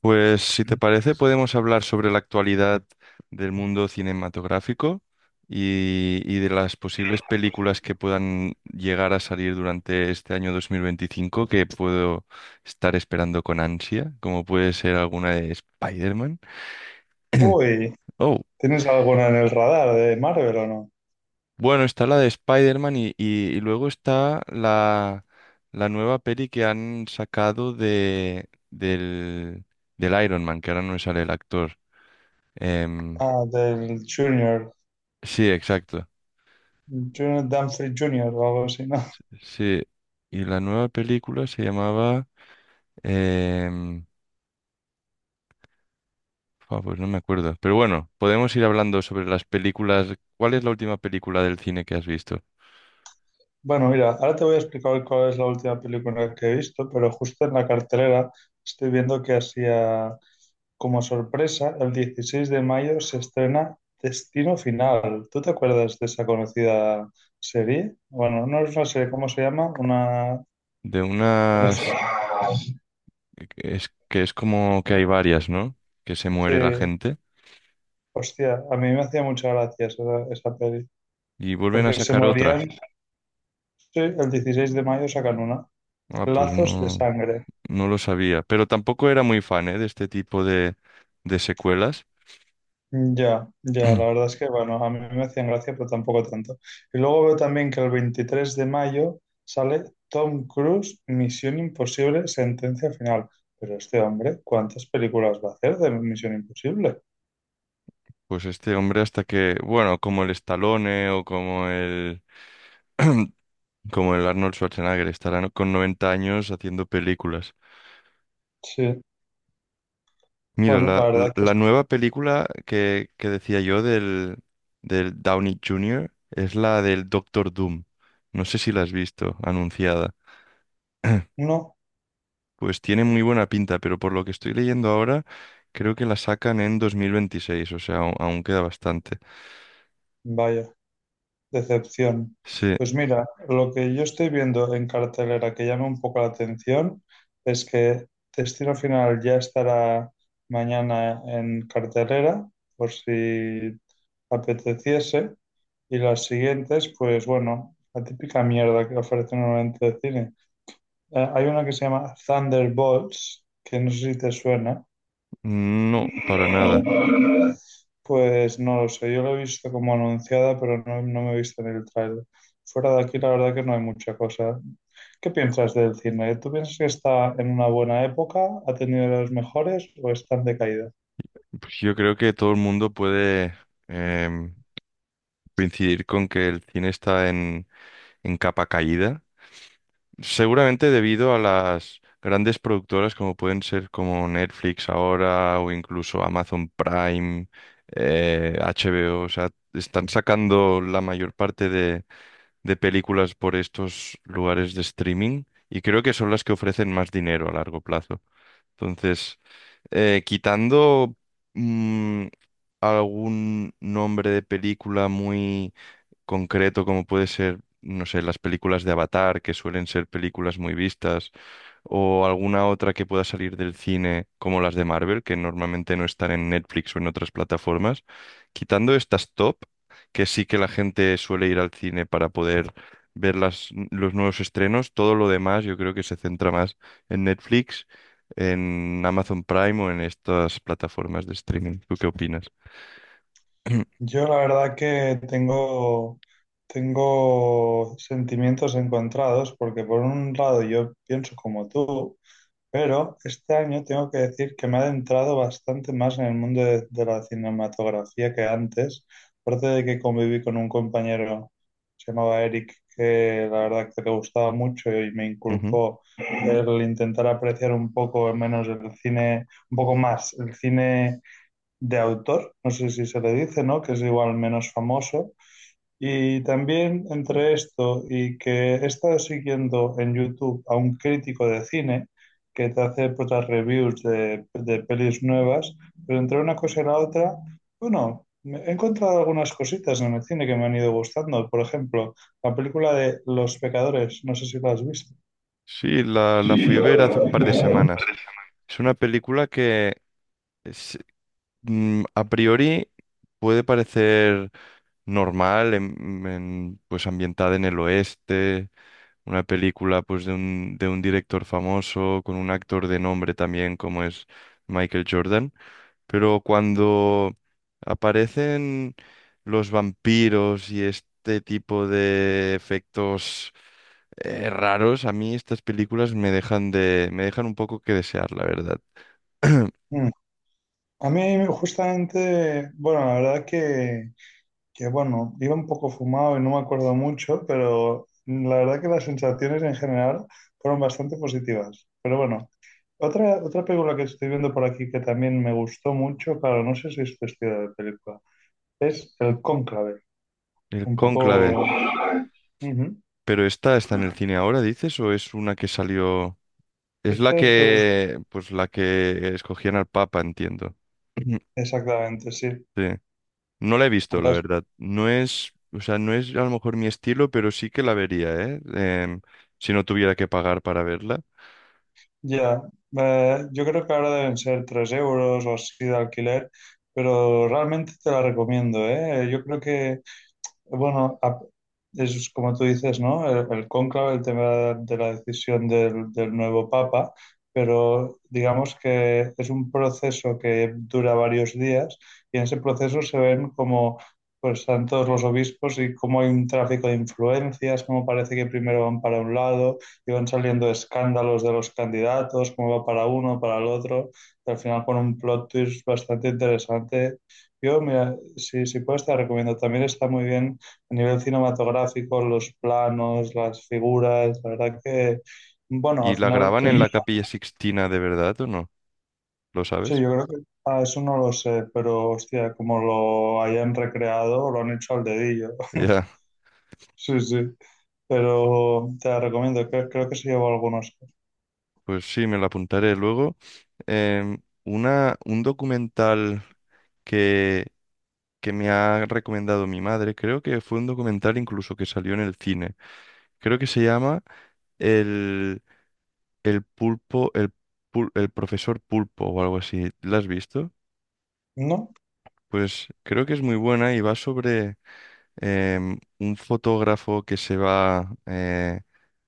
Pues si te parece, podemos hablar sobre la actualidad del mundo cinematográfico y de las posibles películas que puedan llegar a salir durante este año 2025 que puedo estar esperando con ansia, como puede ser alguna de Spider-Man. Uy, Oh, ¿tienes alguna en el radar de Marvel o no? bueno, está la de Spider-Man y, y luego está la nueva peli que han sacado del, del Iron Man, que ahora no me sale el actor. Em, Ah, del Junior, sí, exacto. Junior Dumfries Junior o algo así, ¿no? Sí, y la nueva película se llamaba... em, pues no me acuerdo. Pero bueno, podemos ir hablando sobre las películas. ¿Cuál es la última película del cine que has visto? Bueno, mira, ahora te voy a explicar cuál es la última película que he visto, pero justo en la cartelera estoy viendo que hacía como sorpresa, el 16 de mayo se estrena Destino Final. ¿Tú te acuerdas de esa conocida serie? Bueno, no es una serie, ¿cómo se llama? Una... De unas... Es que es como que hay varias, ¿no? Que se Sí, muere la gente hostia, a mí me hacía mucha gracia esa peli, y vuelven a porque se sacar otra. morían. Sí, el 16 de mayo sacan una. Ah, pues Lazos de no, sangre. no lo sabía. Pero tampoco era muy fan, ¿eh?, de este tipo de secuelas. Ya, ya, la verdad es que, bueno, a mí me hacían gracia, pero tampoco tanto. Y luego veo también que el 23 de mayo sale Tom Cruise, Misión Imposible, sentencia final. Pero este hombre, ¿cuántas películas va a hacer de Misión Imposible? Pues este hombre hasta que, bueno, como el Stallone o como el como el Arnold Schwarzenegger, estará con 90 años haciendo películas. Sí, Mira, bueno, la verdad es que la es- nueva película que decía yo del, del Downey Jr. es la del Doctor Doom. No sé si la has visto anunciada. no, Pues tiene muy buena pinta, pero por lo que estoy leyendo ahora, creo que la sacan en 2026. O sea, aún queda bastante. vaya. Decepción. Sí, Pues mira, lo que yo estoy viendo en cartelera que llama un poco la atención es que Destino Final ya estará mañana en cartelera, por si apeteciese, y las siguientes, pues bueno, la típica mierda que ofrece normalmente el cine. Hay una que se llama Thunderbolts, que no sé si te suena, no, para nada. pues no lo sé, yo lo he visto como anunciada, pero no, no me he visto en el trailer. Fuera de aquí, la verdad que no hay mucha cosa. ¿Qué piensas del cine? ¿Tú piensas que está en una buena época, ha tenido los mejores o está en decaída? Pues yo creo que todo el mundo puede em, coincidir con que el cine está en capa caída, seguramente debido a las grandes productoras como pueden ser como Netflix ahora o incluso Amazon Prime, HBO, o sea, están sacando la mayor parte de películas por estos lugares de streaming y creo que son las que ofrecen más dinero a largo plazo. Entonces, quitando mm, algún nombre de película muy concreto, como puede ser, no sé, las películas de Avatar, que suelen ser películas muy vistas o alguna otra que pueda salir del cine como las de Marvel, que normalmente no están en Netflix o en otras plataformas. Quitando estas top, que sí que la gente suele ir al cine para poder ver los nuevos estrenos, todo lo demás yo creo que se centra más en Netflix, en Amazon Prime o en estas plataformas de streaming. ¿Tú qué opinas? Yo la verdad que tengo sentimientos encontrados, porque por un lado yo pienso como tú, pero este año tengo que decir que me he adentrado bastante más en el mundo de la cinematografía que antes. Aparte de que conviví con un compañero, se llamaba Eric, que la verdad que le gustaba mucho y me Ujú. inculcó el intentar apreciar un poco menos el cine, un poco más el cine de autor, no sé si se le dice, ¿no? Que es igual menos famoso, y también entre esto y que he estado siguiendo en YouTube a un crítico de cine que te hace, pues, las reviews de pelis nuevas, pero entre una cosa y la otra, bueno, he encontrado algunas cositas en el cine que me han ido gustando. Por ejemplo, la película de Los Pecadores, no sé si la has visto. Sí, la fui a ver hace un par de semanas. Es una película que, si a priori puede parecer normal, pues ambientada en el oeste, una película pues de un director famoso, con un actor de nombre también como es Michael Jordan, pero cuando aparecen los vampiros y este tipo de efectos raros, a mí estas películas me dejan me dejan un poco que desear, la verdad. Mm. A mí justamente, bueno, la verdad que bueno, iba un poco fumado y no me acuerdo mucho, pero la verdad que las sensaciones en general fueron bastante positivas. Pero bueno, otra película que estoy viendo por aquí que también me gustó mucho, claro, no sé si es cuestión de película, es El Cónclave, El un Cónclave. poco... Ujú. Pero esta está en el cine ahora, dices, o es una que salió. Es la Esta es de dos... que, pues la que escogían al Papa, entiendo. Exactamente, sí. Sí. No la he visto, la Las- verdad. No es, o sea, no es a lo mejor mi estilo, pero sí que la vería, ¿eh? Si no tuviera que pagar para verla. Ya, yo creo que ahora deben ser 3 euros o así de alquiler, pero realmente te la recomiendo, ¿eh? Yo creo que bueno, es como tú dices, ¿no? El cónclave, el tema de la decisión del nuevo papa, pero digamos que es un proceso que dura varios días y en ese proceso se ven como pues están todos los obispos y cómo hay un tráfico de influencias, cómo parece que primero van para un lado y van saliendo escándalos de los candidatos, cómo va para uno, para el otro, y al final con un plot twist bastante interesante. Yo, mira, si puedes, te recomiendo. También está muy bien a nivel cinematográfico, los planos, las figuras, la verdad que, bueno, al ¿Y la final graban creo en que, la Capilla Sixtina de verdad o no? ¿Lo sí, sabes? yo creo que, ah, eso no lo sé, pero hostia, como lo hayan recreado, lo han hecho al dedillo. Ya. Sí, sí, pero te la recomiendo, creo que se llevó algunos. Pues sí, me la apuntaré luego. Un documental que, que me ha recomendado mi madre, creo que fue un documental incluso que salió en el cine. Creo que se llama El, el pulpo, el profesor pulpo o algo así. ¿La has visto? ¿No? Pues creo que es muy buena y va sobre un fotógrafo que se va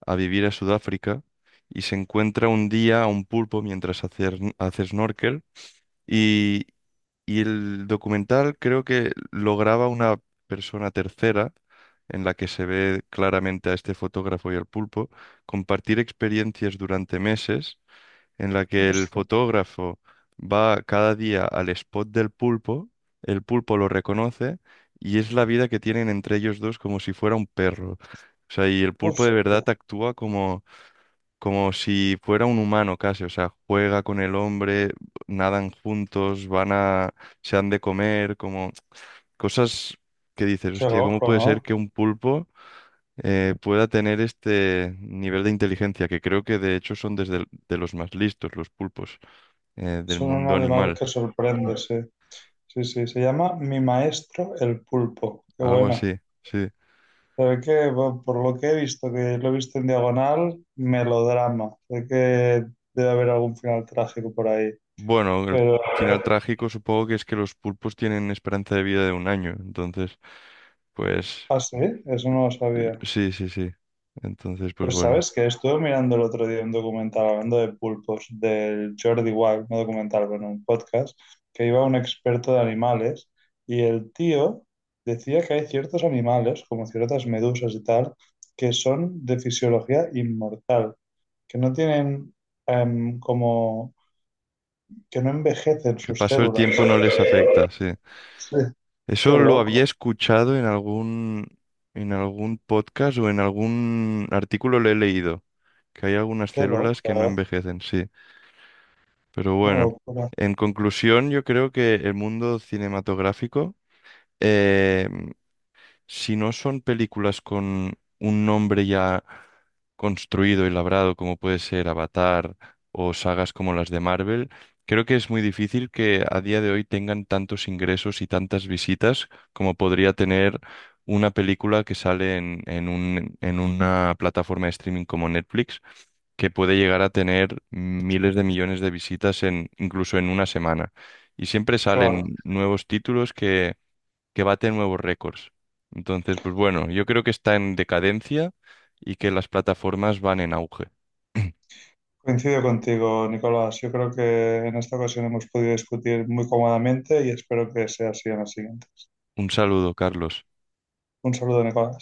a vivir a Sudáfrica y se encuentra un día a un pulpo mientras hace, hace snorkel. Y, y el documental creo que lo graba una persona tercera en la que se ve claramente a este fotógrafo y al pulpo compartir experiencias durante meses en la que el Hostia, fotógrafo va cada día al spot del pulpo, el pulpo lo reconoce y es la vida que tienen entre ellos dos como si fuera un perro. O sea, y el pulpo de verdad hostia, actúa como si fuera un humano casi, o sea, juega con el hombre, nadan juntos, van a, se han de comer, como cosas que dices, qué hostia, ¿cómo loco, puede ser ¿no? que un pulpo pueda tener este nivel de inteligencia? Que creo que de hecho son desde de los más listos, los pulpos del Son un mundo animal animal. que Mm. sorprende, sí. Sí, sí, se llama Mi Maestro el Pulpo. Qué Algo buena. así, sí. Sé que bueno, por lo que he visto, que lo he visto en diagonal, melodrama. Sé que debe haber algún final trágico por ahí. Bueno, el Pero, final trágico supongo que es que los pulpos tienen esperanza de vida de 1 año, entonces, pues, ah, sí, eso no lo sabía. sí, sí, sí. Entonces, pues Pues bueno. sabes que estuve mirando el otro día un documental hablando de pulpos del Jordi Wild, no documental, bueno, un podcast, que iba un experto de animales y el tío decía que hay ciertos animales, como ciertas medusas y tal, que son de fisiología inmortal, que no tienen como que no envejecen Que el sus paso del células. tiempo no les afecta, sí. Sí, qué Eso lo había loco, escuchado en algún podcast o en algún artículo lo he leído, que hay algunas qué loco, células que no ¿eh? envejecen, sí. Pero Una bueno, locura. en conclusión, yo creo que el mundo cinematográfico eh, si no son películas con un nombre ya construido y labrado, como puede ser Avatar o sagas como las de Marvel, creo que es muy difícil que a día de hoy tengan tantos ingresos y tantas visitas como podría tener una película que sale en, en una plataforma de streaming como Netflix, que puede llegar a tener miles de millones de visitas en, incluso en una semana. Y siempre Claro, salen nuevos títulos que bate nuevos récords. Entonces, pues bueno, yo creo que está en decadencia y que las plataformas van en auge. coincido contigo, Nicolás. Yo creo que en esta ocasión hemos podido discutir muy cómodamente y espero que sea así en la siguiente. Un saludo, Carlos. Un saludo, Nicolás.